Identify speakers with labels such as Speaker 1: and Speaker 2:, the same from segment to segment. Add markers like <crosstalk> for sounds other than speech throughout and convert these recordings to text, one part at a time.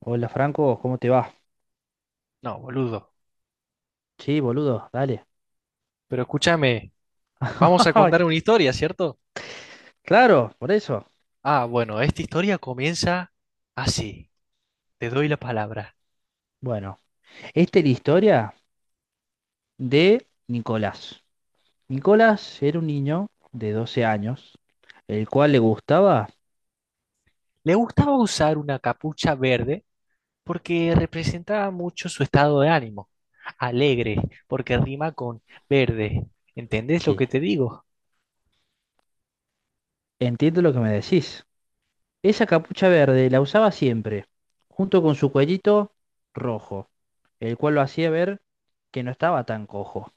Speaker 1: Hola Franco, ¿cómo te va?
Speaker 2: No, boludo.
Speaker 1: Sí, boludo, dale.
Speaker 2: Pero escúchame, vamos a contar una
Speaker 1: <laughs>
Speaker 2: historia, ¿cierto?
Speaker 1: Claro, por eso.
Speaker 2: Ah, bueno, esta historia comienza así. Te doy la palabra.
Speaker 1: Bueno, esta es la historia de Nicolás. Nicolás era un niño de 12 años, el cual le gustaba...
Speaker 2: Le gustaba usar una capucha verde porque representaba mucho su estado de ánimo. Alegre, porque rima con verde. ¿Entendés lo
Speaker 1: Sí,
Speaker 2: que te digo?
Speaker 1: entiendo lo que me decís. Esa capucha verde la usaba siempre, junto con su cuellito rojo, el cual lo hacía ver que no estaba tan cojo.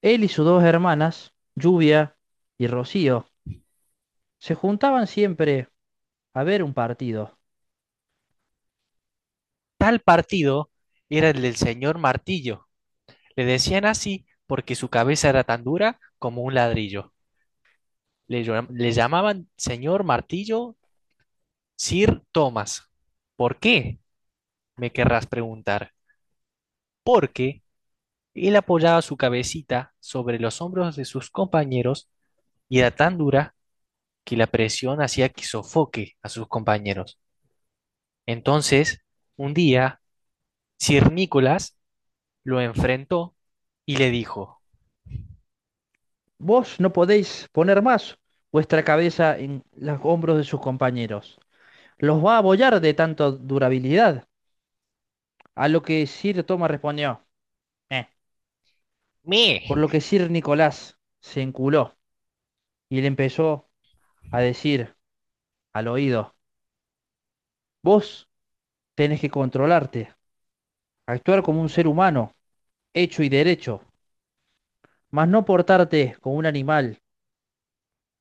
Speaker 1: Él y sus dos hermanas, Lluvia y Rocío, se juntaban siempre a ver un partido.
Speaker 2: Tal partido era el del señor Martillo. Le decían así porque su cabeza era tan dura como un ladrillo. Le llamaban señor Martillo Sir Thomas, ¿por qué? Me querrás preguntar. Porque él apoyaba su cabecita sobre los hombros de sus compañeros y era tan dura que la presión hacía que sofoque a sus compañeros. Entonces, un día, Sir Nicholas lo enfrentó y le dijo,
Speaker 1: Vos no podéis poner más vuestra cabeza en los hombros de sus compañeros. Los va a abollar de tanta durabilidad. A lo que Sir Thomas respondió, "Eh". Por
Speaker 2: ¡Me!
Speaker 1: lo que Sir Nicolás se enculó y le empezó a decir al oído, vos tenés que controlarte, actuar como un ser humano, hecho y derecho, mas no portarte como un animal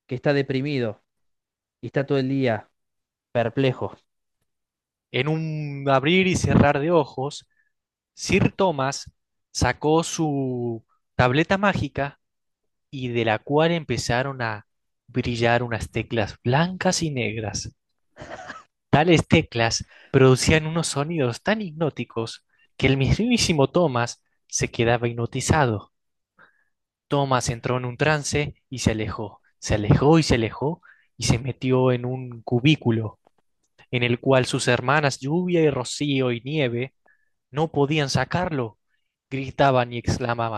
Speaker 1: que está deprimido y está todo el día perplejo.
Speaker 2: En un abrir y cerrar de ojos, Sir Thomas sacó su tableta mágica y de la cual empezaron a brillar unas teclas blancas y negras. Tales teclas producían unos sonidos tan hipnóticos que el mismísimo Thomas se quedaba hipnotizado. Thomas entró en un trance y se alejó y se alejó y se metió en un cubículo en el cual sus hermanas Lluvia y Rocío y Nieve no podían sacarlo. Gritaban y exclamaban,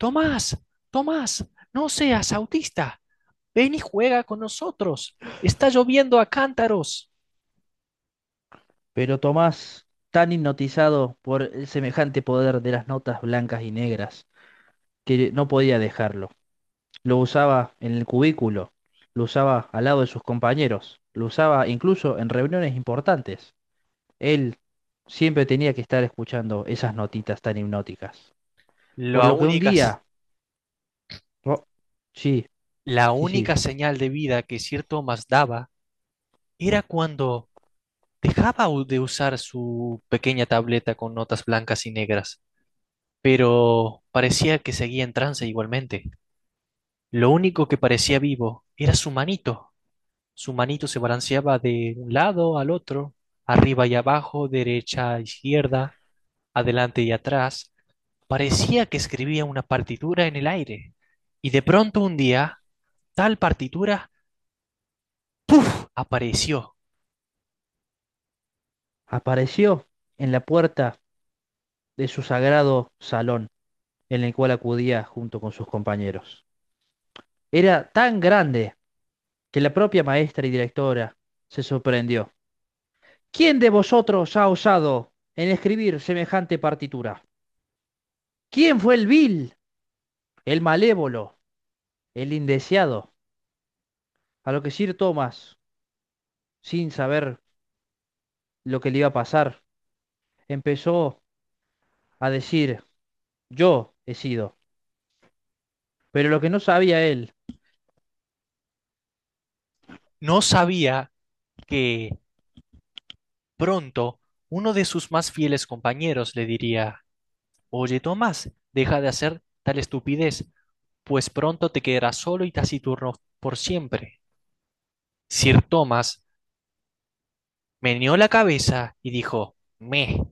Speaker 2: Tomás, Tomás, no seas autista, ven y juega con nosotros. Está lloviendo a cántaros.
Speaker 1: Pero Tomás, tan hipnotizado por el semejante poder de las notas blancas y negras, que no podía dejarlo. Lo usaba en el cubículo, lo usaba al lado de sus compañeros, lo usaba incluso en reuniones importantes. Él siempre tenía que estar escuchando esas notitas tan hipnóticas. Por
Speaker 2: La
Speaker 1: lo que un
Speaker 2: única,
Speaker 1: día, oh, sí,
Speaker 2: la
Speaker 1: sí, sí,
Speaker 2: única señal de vida que Sir Thomas daba era cuando dejaba de usar su pequeña tableta con notas blancas y negras, pero parecía que seguía en trance igualmente. Lo único que parecía vivo era su manito. Su manito se balanceaba de un lado al otro, arriba y abajo, derecha a izquierda, adelante y atrás, parecía que escribía una partitura en el aire. Y de pronto un día, tal partitura apareció.
Speaker 1: apareció en la puerta de su sagrado salón, en el cual acudía junto con sus compañeros. Era tan grande que la propia maestra y directora se sorprendió. ¿Quién de vosotros ha osado en escribir semejante partitura? ¿Quién fue el vil, el malévolo, el indeseado? A lo que Sir Thomas, sin saber lo que le iba a pasar, empezó a decir, yo he sido. Pero lo que no sabía él,
Speaker 2: No sabía que pronto uno de sus más fieles compañeros le diría, oye, Tomás, deja de hacer tal estupidez, pues pronto te quedarás solo y taciturno por siempre. Sir Thomas meneó la cabeza y dijo, meh,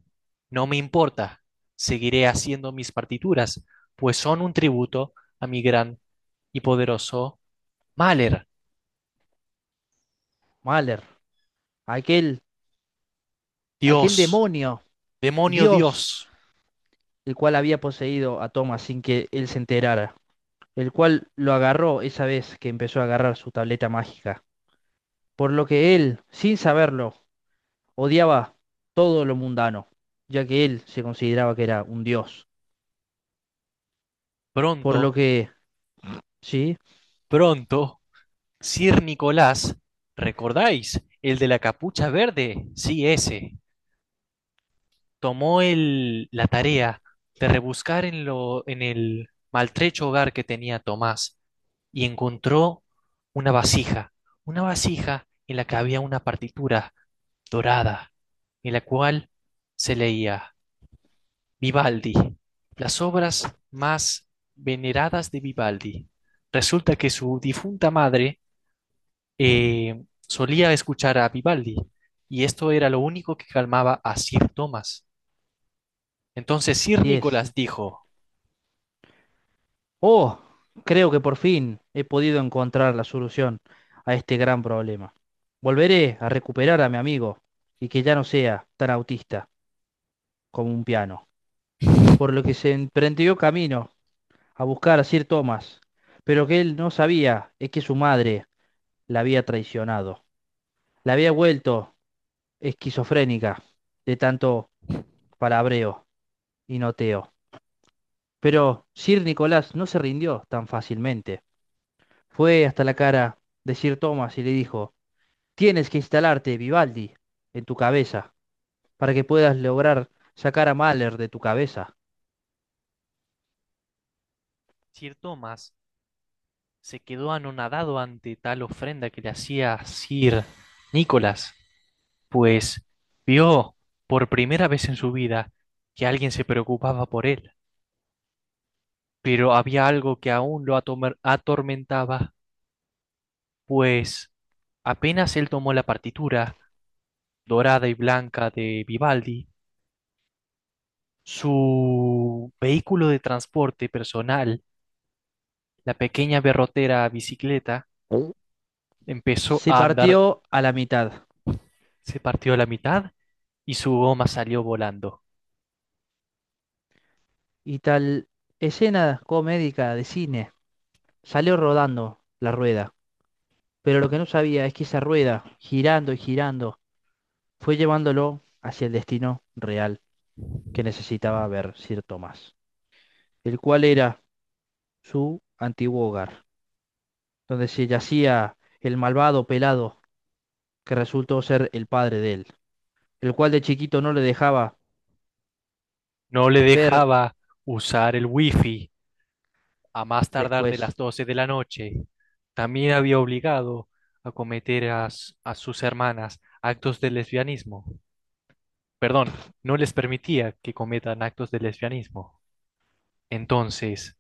Speaker 2: no me importa, seguiré haciendo mis partituras, pues son un tributo a mi gran y poderoso Mahler.
Speaker 1: Mahler, aquel, aquel
Speaker 2: Dios,
Speaker 1: demonio,
Speaker 2: demonio
Speaker 1: Dios,
Speaker 2: Dios,
Speaker 1: el cual había poseído a Thomas sin que él se enterara, el cual lo agarró esa vez que empezó a agarrar su tableta mágica. Por lo que él, sin saberlo, odiaba todo lo mundano, ya que él se consideraba que era un dios. Por lo
Speaker 2: pronto,
Speaker 1: que, sí,
Speaker 2: pronto, Sir Nicolás, ¿recordáis? El de la capucha verde, sí, ese. Tomó la tarea de rebuscar en el maltrecho hogar que tenía Tomás y encontró una vasija, una vasija en la que había una partitura dorada, en la cual se leía Vivaldi, las obras más veneradas de Vivaldi. Resulta que su difunta madre eh, solía escuchar a Vivaldi y esto era lo único que calmaba a Sir Thomas. Entonces Sir
Speaker 1: sí es.
Speaker 2: Nicolás dijo,
Speaker 1: Oh, creo que por fin he podido encontrar la solución a este gran problema. Volveré a recuperar a mi amigo y que ya no sea tan autista como un piano. Por lo que se emprendió camino a buscar a Sir Thomas, pero que él no sabía es que su madre la había traicionado, la había vuelto esquizofrénica de tanto palabreo y noteo. Pero Sir Nicolás no se rindió tan fácilmente. Fue hasta la cara de Sir Thomas y le dijo, tienes que instalarte, Vivaldi, en tu cabeza, para que puedas lograr sacar a Mahler de tu cabeza.
Speaker 2: Sir Thomas se quedó anonadado ante tal ofrenda que le hacía Sir Nicolás, pues vio por primera vez en su vida que alguien se preocupaba por él, pero había algo que aún lo atormentaba, pues apenas él tomó la partitura dorada y blanca de Vivaldi, su vehículo de transporte personal, la pequeña berrotera bicicleta, empezó
Speaker 1: Se
Speaker 2: a andar,
Speaker 1: partió a la mitad
Speaker 2: se partió a la mitad y su goma salió volando.
Speaker 1: y tal escena comédica de cine salió rodando la rueda. Pero lo que no sabía es que esa rueda, girando y girando, fue llevándolo hacia el destino real, que necesitaba ver Sir Tomás, el cual era su antiguo hogar, donde se yacía el malvado pelado que resultó ser el padre de él, el cual de chiquito no le dejaba
Speaker 2: No le
Speaker 1: ver
Speaker 2: dejaba usar el wifi a más tardar de las
Speaker 1: después.
Speaker 2: 12 de la noche. También había obligado a a sus hermanas actos de lesbianismo. Perdón, no les permitía que cometan actos de lesbianismo. Entonces,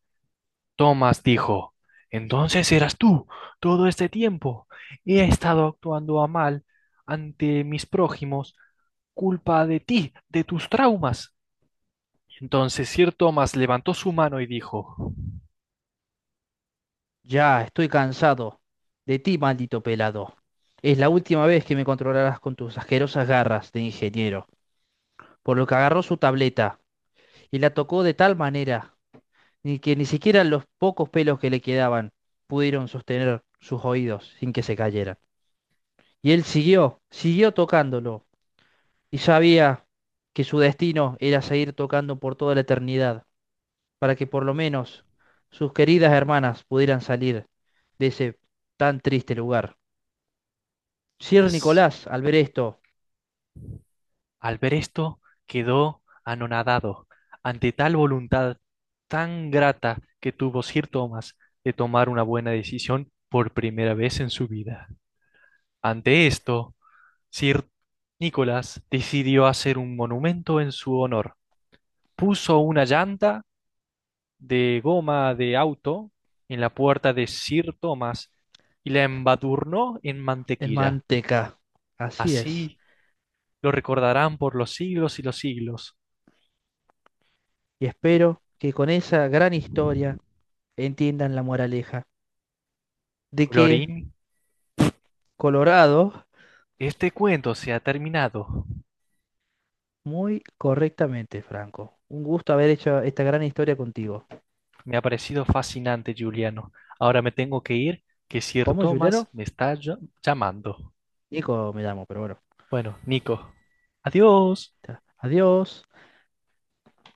Speaker 2: Thomas dijo, entonces eras tú todo este tiempo. He estado actuando a mal ante mis prójimos, culpa de ti, de tus traumas. Entonces Sir Thomas levantó su mano y dijo,
Speaker 1: Ya, estoy cansado de ti, maldito pelado. Es la última vez que me controlarás con tus asquerosas garras de ingeniero, por lo que agarró su tableta y la tocó de tal manera ni que ni siquiera los pocos pelos que le quedaban pudieron sostener sus oídos sin que se cayeran. Y él siguió tocándolo, y sabía que su destino era seguir tocando por toda la eternidad, para que por lo menos sus queridas hermanas pudieran salir de ese tan triste lugar. Sir
Speaker 2: "Yes".
Speaker 1: Nicolás, al ver esto,
Speaker 2: Al ver esto, quedó anonadado ante tal voluntad tan grata que tuvo Sir Thomas de tomar una buena decisión por primera vez en su vida. Ante esto, Sir Nicholas decidió hacer un monumento en su honor. Puso una llanta de goma de auto en la puerta de Sir Thomas y la embadurnó en
Speaker 1: en
Speaker 2: mantequilla.
Speaker 1: manteca. Así es.
Speaker 2: Así lo recordarán por los siglos y los siglos.
Speaker 1: Y
Speaker 2: Eh,
Speaker 1: espero que con esa gran historia entiendan la moraleja de que
Speaker 2: Colorín,
Speaker 1: Colorado,
Speaker 2: este cuento se ha terminado.
Speaker 1: muy correctamente, Franco. Un gusto haber hecho esta gran historia contigo.
Speaker 2: Me ha parecido fascinante, Juliano. Ahora me tengo que ir, que Sir
Speaker 1: ¿Cómo,
Speaker 2: Thomas
Speaker 1: Juliano?
Speaker 2: me está llamando.
Speaker 1: Nico me llamo, pero bueno.
Speaker 2: Bueno, Nico, adiós.
Speaker 1: Ya. Adiós.